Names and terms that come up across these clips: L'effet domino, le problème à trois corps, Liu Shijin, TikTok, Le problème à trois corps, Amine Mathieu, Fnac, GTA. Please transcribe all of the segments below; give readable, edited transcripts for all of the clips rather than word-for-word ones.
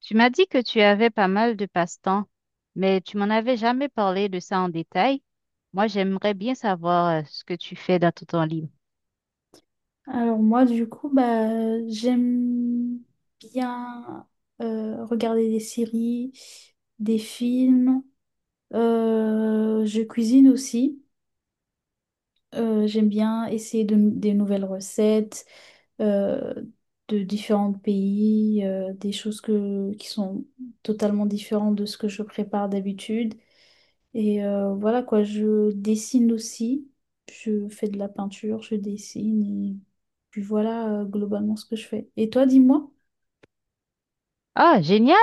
Tu m'as dit que tu avais pas mal de passe-temps, mais tu m'en avais jamais parlé de ça en détail. Moi, j'aimerais bien savoir ce que tu fais dans ton temps libre. Alors moi, du coup, bah, j'aime bien regarder des séries, des films. Je cuisine aussi. J'aime bien essayer des nouvelles recettes euh, de différents pays, des choses qui sont totalement différentes de ce que je prépare d'habitude. Et voilà quoi, je dessine aussi. Je fais de la peinture, je dessine. Et puis voilà globalement ce que je fais. Et toi, dis-moi. Ah, génial!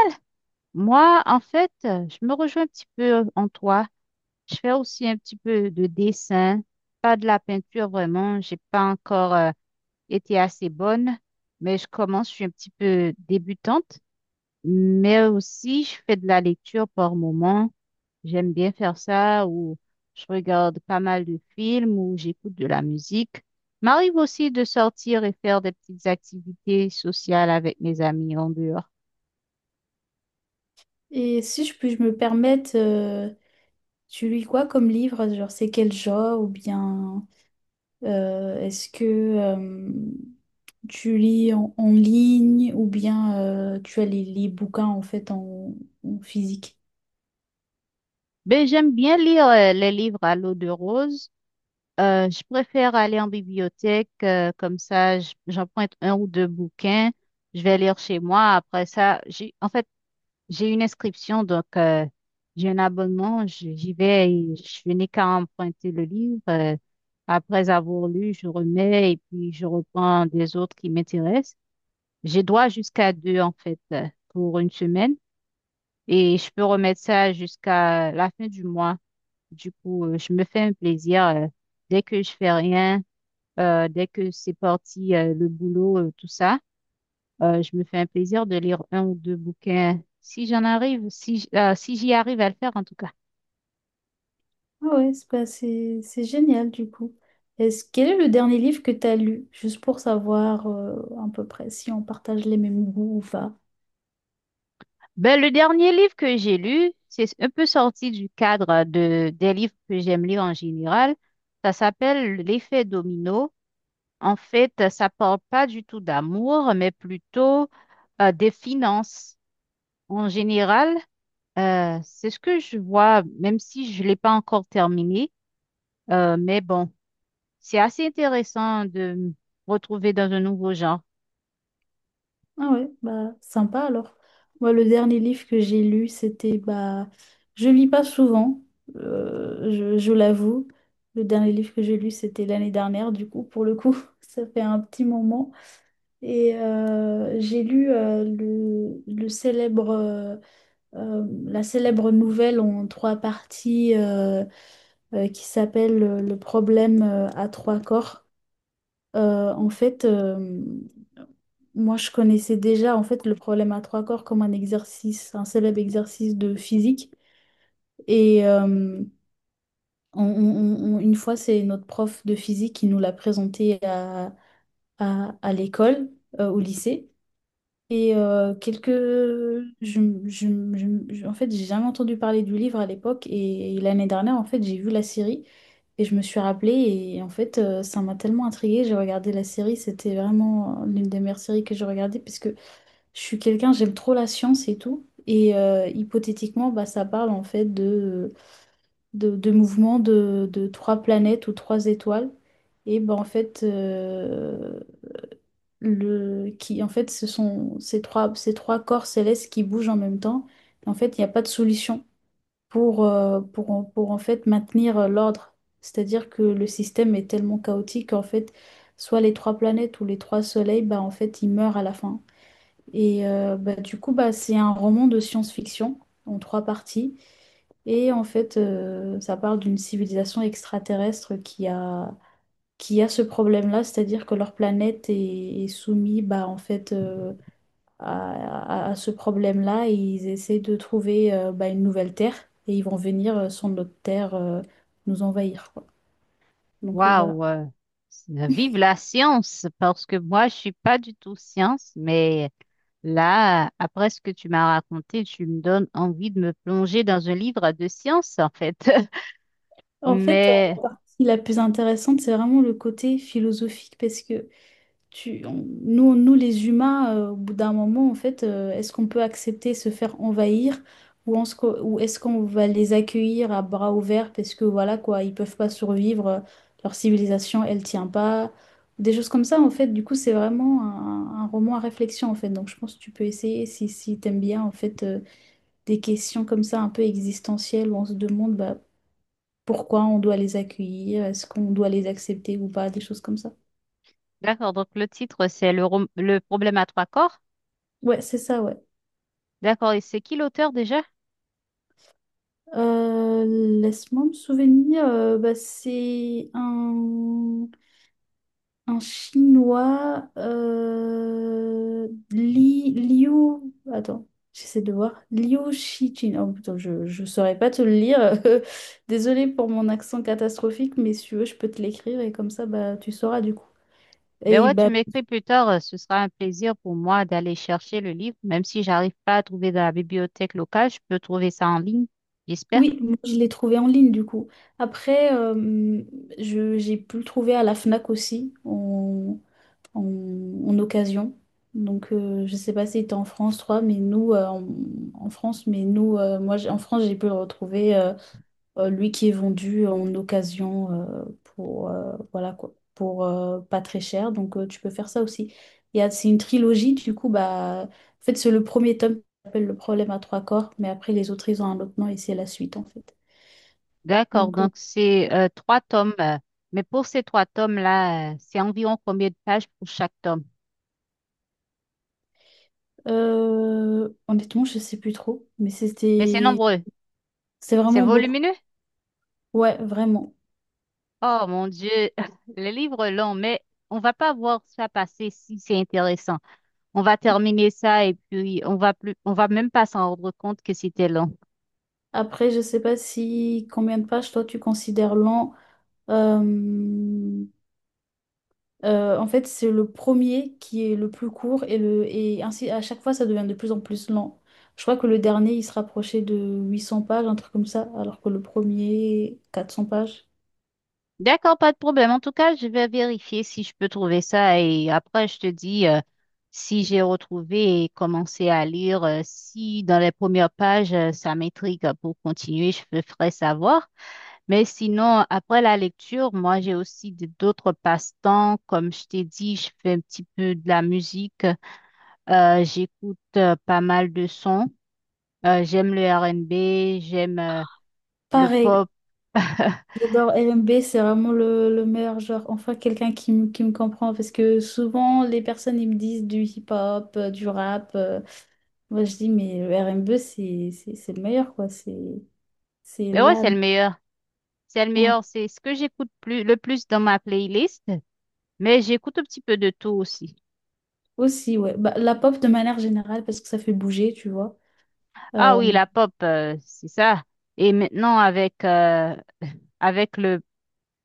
Moi, en fait, je me rejoins un petit peu en toi. Je fais aussi un petit peu de dessin, pas de la peinture vraiment. J'ai pas encore été assez bonne, mais je commence, je suis un petit peu débutante. Mais aussi, je fais de la lecture par moment. J'aime bien faire ça ou je regarde pas mal de films ou j'écoute de la musique. M'arrive aussi de sortir et faire des petites activités sociales avec mes amis en dehors. Et si je puis je me permettre, tu lis quoi comme livre? Genre, c'est quel genre? Ou bien est-ce que tu lis en ligne? Ou bien tu as les bouquins en fait en physique? Ben, j'aime bien lire les livres à l'eau de rose. Je préfère aller en bibliothèque, comme ça, j'emprunte un ou deux bouquins. Je vais lire chez moi. Après ça, j'ai une inscription, donc j'ai un abonnement. J'y vais et je n'ai qu'à emprunter le livre. Après avoir lu, je remets et puis je reprends des autres qui m'intéressent. J'ai droit jusqu'à deux, en fait, pour une semaine et je peux remettre ça jusqu'à la fin du mois. Du coup, je me fais un plaisir dès que je fais rien, dès que c'est parti, le boulot, tout ça. Je me fais un plaisir de lire un ou deux bouquins, si j'en arrive, si j'y arrive à le faire en tout cas. Ah ouais, c'est bah, c'est génial du coup. Quel est le dernier livre que tu as lu? Juste pour savoir à peu près si on partage les mêmes goûts ou pas. Ben, le dernier livre que j'ai lu, c'est un peu sorti du cadre de, des livres que j'aime lire en général. Ça s'appelle L'effet domino. En fait, ça parle pas du tout d'amour, mais plutôt des finances. En général, c'est ce que je vois, même si je l'ai pas encore terminé. Mais bon. C'est assez intéressant de me retrouver dans un nouveau genre. Ah ouais, bah sympa alors. Moi, le dernier livre que j'ai lu, c'était bah je lis pas souvent, je l'avoue. Le dernier livre que j'ai lu, c'était l'année dernière, du coup, pour le coup, ça fait un petit moment. Et j'ai lu le célèbre la célèbre nouvelle en trois parties qui s'appelle Le problème à trois corps. En fait, moi, je connaissais déjà en fait le problème à trois corps comme un exercice, un célèbre exercice de physique. Et une fois, c'est notre prof de physique qui nous l'a présenté à l'école, au lycée. Et quelques... je, en fait, j'ai jamais entendu parler du livre à l'époque et, l'année dernière, en fait, j'ai vu la série et je me suis rappelée et en fait, ça m'a tellement intriguée. J'ai regardé la série, c'était vraiment l'une des meilleures séries que j'ai regardées parce que je suis quelqu'un, j'aime trop la science et tout. Et hypothétiquement, bah, ça parle en fait de mouvements de trois planètes ou trois étoiles. Et bah, en fait, en fait, ce sont ces trois corps célestes qui bougent en même temps. En fait, il n'y a pas de solution pour, pour en fait maintenir l'ordre. C'est-à-dire que le système est tellement chaotique qu'en fait, soit les trois planètes ou les trois soleils, bah, en fait, ils meurent à la fin. Et du coup, bah, c'est un roman de science-fiction en trois parties. Et en fait, ça parle d'une civilisation extraterrestre qui a ce problème-là, c'est-à-dire que leur planète est soumise bah, en fait, à ce problème-là et ils essaient de trouver bah, une nouvelle Terre et ils vont venir sur notre Terre nous envahir, quoi. Donc voilà. Waouh, vive la science, parce que moi, je suis pas du tout science, mais là, après ce que tu m'as raconté, tu me donnes envie de me plonger dans un livre de science, en fait. En fait, euh, Mais ce qui est la plus intéressante, c'est vraiment le côté philosophique parce que nous, les humains, au bout d'un moment, en fait, est-ce qu'on peut accepter se faire envahir ou est-ce qu'on va les accueillir à bras ouverts parce que voilà quoi, ils peuvent pas survivre, leur civilisation, elle tient pas, des choses comme ça en fait. Du coup, c'est vraiment un roman à réflexion en fait. Donc, je pense que tu peux essayer si t'aimes bien en fait des questions comme ça un peu existentielles où on se demande bah, pourquoi on doit les accueillir, est-ce qu'on doit les accepter ou pas, des choses comme ça. d'accord, donc le titre, c'est le problème à trois corps. Ouais, c'est ça, ouais. D'accord, et c'est qui l'auteur déjà? Euh, laisse-moi me souvenir, bah, c'est un Chinois, Liu, attends, j'essaie de voir, Liu Shijin, oh putain, je saurais pas te le lire, désolée pour mon accent catastrophique, mais si tu veux, je peux te l'écrire et comme ça, bah, tu sauras du coup. Ben Et ouais, tu bah, m'écris plus tard, ce sera un plaisir pour moi d'aller chercher le livre, même si j'arrive pas à trouver dans la bibliothèque locale, je peux trouver ça en ligne, j'espère. oui, moi, je l'ai trouvé en ligne du coup. Après, j'ai pu le trouver à la Fnac aussi, en, en occasion. Donc, je sais pas si tu en France, toi, mais nous, en France, mais nous, en France, j'ai pu le retrouver, lui qui est vendu en occasion pour, voilà, quoi, pour pas très cher. Donc, tu peux faire ça aussi. C'est une trilogie, du coup, bah, en fait, c'est le premier tome qui s'appelle Le problème à trois corps, mais après, les autres, ils ont un autre nom et c'est la suite, en fait. D'accord, Donc, euh, donc c'est trois tomes, mais pour ces trois tomes-là, c'est environ combien de pages pour chaque tome? Honnêtement, je sais plus trop, mais Mais c'est nombreux, c'est c'est vraiment beaucoup. volumineux. Ouais, vraiment. Oh mon Dieu, les livres longs, mais on va pas voir ça passer si c'est intéressant. On va terminer ça et puis on va même pas s'en rendre compte que c'était long. Après, je sais pas si combien de pages toi tu considères lent. Euh, En fait, c'est le premier qui est le plus court, et ainsi à chaque fois ça devient de plus en plus lent. Je crois que le dernier il se rapprochait de 800 pages, un truc comme ça, alors que le premier 400 pages. D'accord, pas de problème. En tout cas, je vais vérifier si je peux trouver ça et après, je te dis si j'ai retrouvé et commencé à lire. Si dans les premières pages, ça m'intrigue pour continuer, je te ferai savoir. Mais sinon, après la lecture, moi, j'ai aussi d'autres passe-temps. Comme je t'ai dit, je fais un petit peu de la musique. J'écoute pas mal de sons. J'aime le R&B, j'aime le Pareil, pop. j'adore LMB, c'est vraiment le meilleur genre. Enfin, quelqu'un qui me comprend parce que souvent les personnes ils me disent du hip-hop, du rap. Moi, je dis, mais le RMB, c'est le meilleur, quoi. C'est Mais ouais, la... c'est le meilleur. C'est le Ouais. meilleur. C'est ce que j'écoute le plus dans ma playlist. Mais j'écoute un petit peu de tout aussi. Aussi, ouais. Bah, la pop de manière générale, parce que ça fait bouger, tu vois. Euh, Ah oui, la pop, c'est ça. Et maintenant, avec le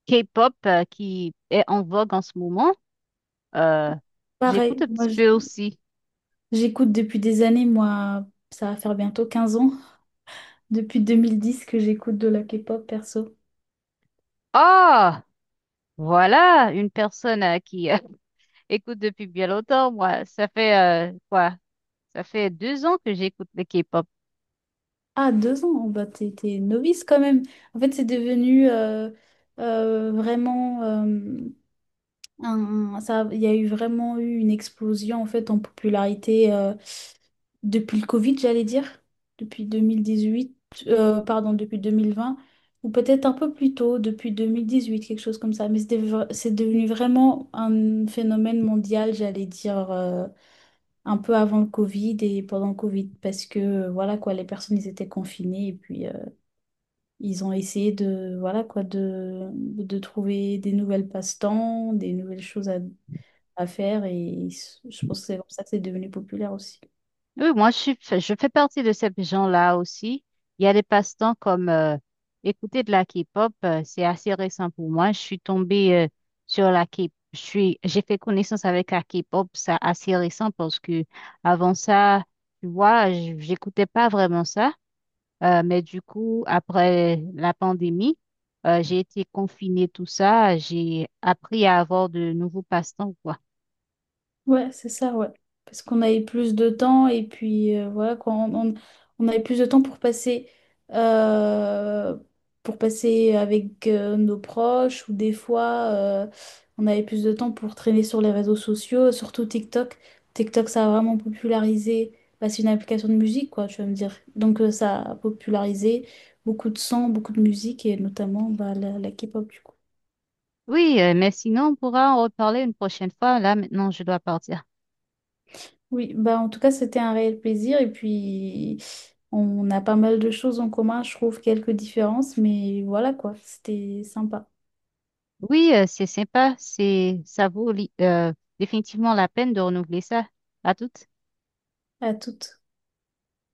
K-pop, qui est en vogue en ce moment, euh, j'écoute pareil, un petit peu aussi. j'écoute depuis des années, moi, ça va faire bientôt 15 ans, depuis 2010 que j'écoute de la K-pop perso. Ah, voilà, une personne qui écoute depuis bien longtemps. Moi, ça fait quoi? Ça fait 2 ans que j'écoute le K-pop. Ah, 2 ans, bah t'es novice quand même. En fait, c'est devenu vraiment... ça, il y a eu vraiment eu une explosion en fait en popularité depuis le Covid, j'allais dire, depuis 2018, pardon, depuis 2020, ou peut-être un peu plus tôt, depuis 2018, quelque chose comme ça. Mais c'est devenu vraiment un phénomène mondial, j'allais dire, un peu avant le Covid et pendant le Covid, parce que, voilà quoi, les personnes, ils étaient confinées et puis ils ont essayé voilà quoi, de trouver des nouvelles passe-temps, des nouvelles choses à faire et je pense que c'est comme ça que c'est devenu populaire aussi. Oui, moi, je fais partie de ces gens-là aussi. Il y a des passe-temps comme écouter de la K-pop. C'est assez récent pour moi. Je suis tombée sur la K-pop. J'ai fait connaissance avec la K-pop. C'est assez récent parce que avant ça, tu vois, j'écoutais pas vraiment ça. Mais du coup, après la pandémie, j'ai été confinée, tout ça. J'ai appris à avoir de nouveaux passe-temps, quoi. Ouais, c'est ça, ouais. Parce qu'on avait plus de temps et puis voilà, quoi, on avait plus de temps euh, pour passer avec nos proches ou des fois, on avait plus de temps pour traîner sur les réseaux sociaux, surtout TikTok. TikTok, ça a vraiment popularisé, bah, c'est une application de musique, quoi, tu vas me dire. Donc ça a popularisé beaucoup de sons, beaucoup de musique et notamment bah, la K-pop, du coup. Oui, mais sinon, on pourra en reparler une prochaine fois. Là, maintenant, je dois partir. Oui, bah en tout cas, c'était un réel plaisir. Et puis, on a pas mal de choses en commun, je trouve, quelques différences, mais voilà quoi, c'était sympa. Oui, c'est sympa. Ça vaut définitivement la peine de renouveler ça. À toute. À toutes.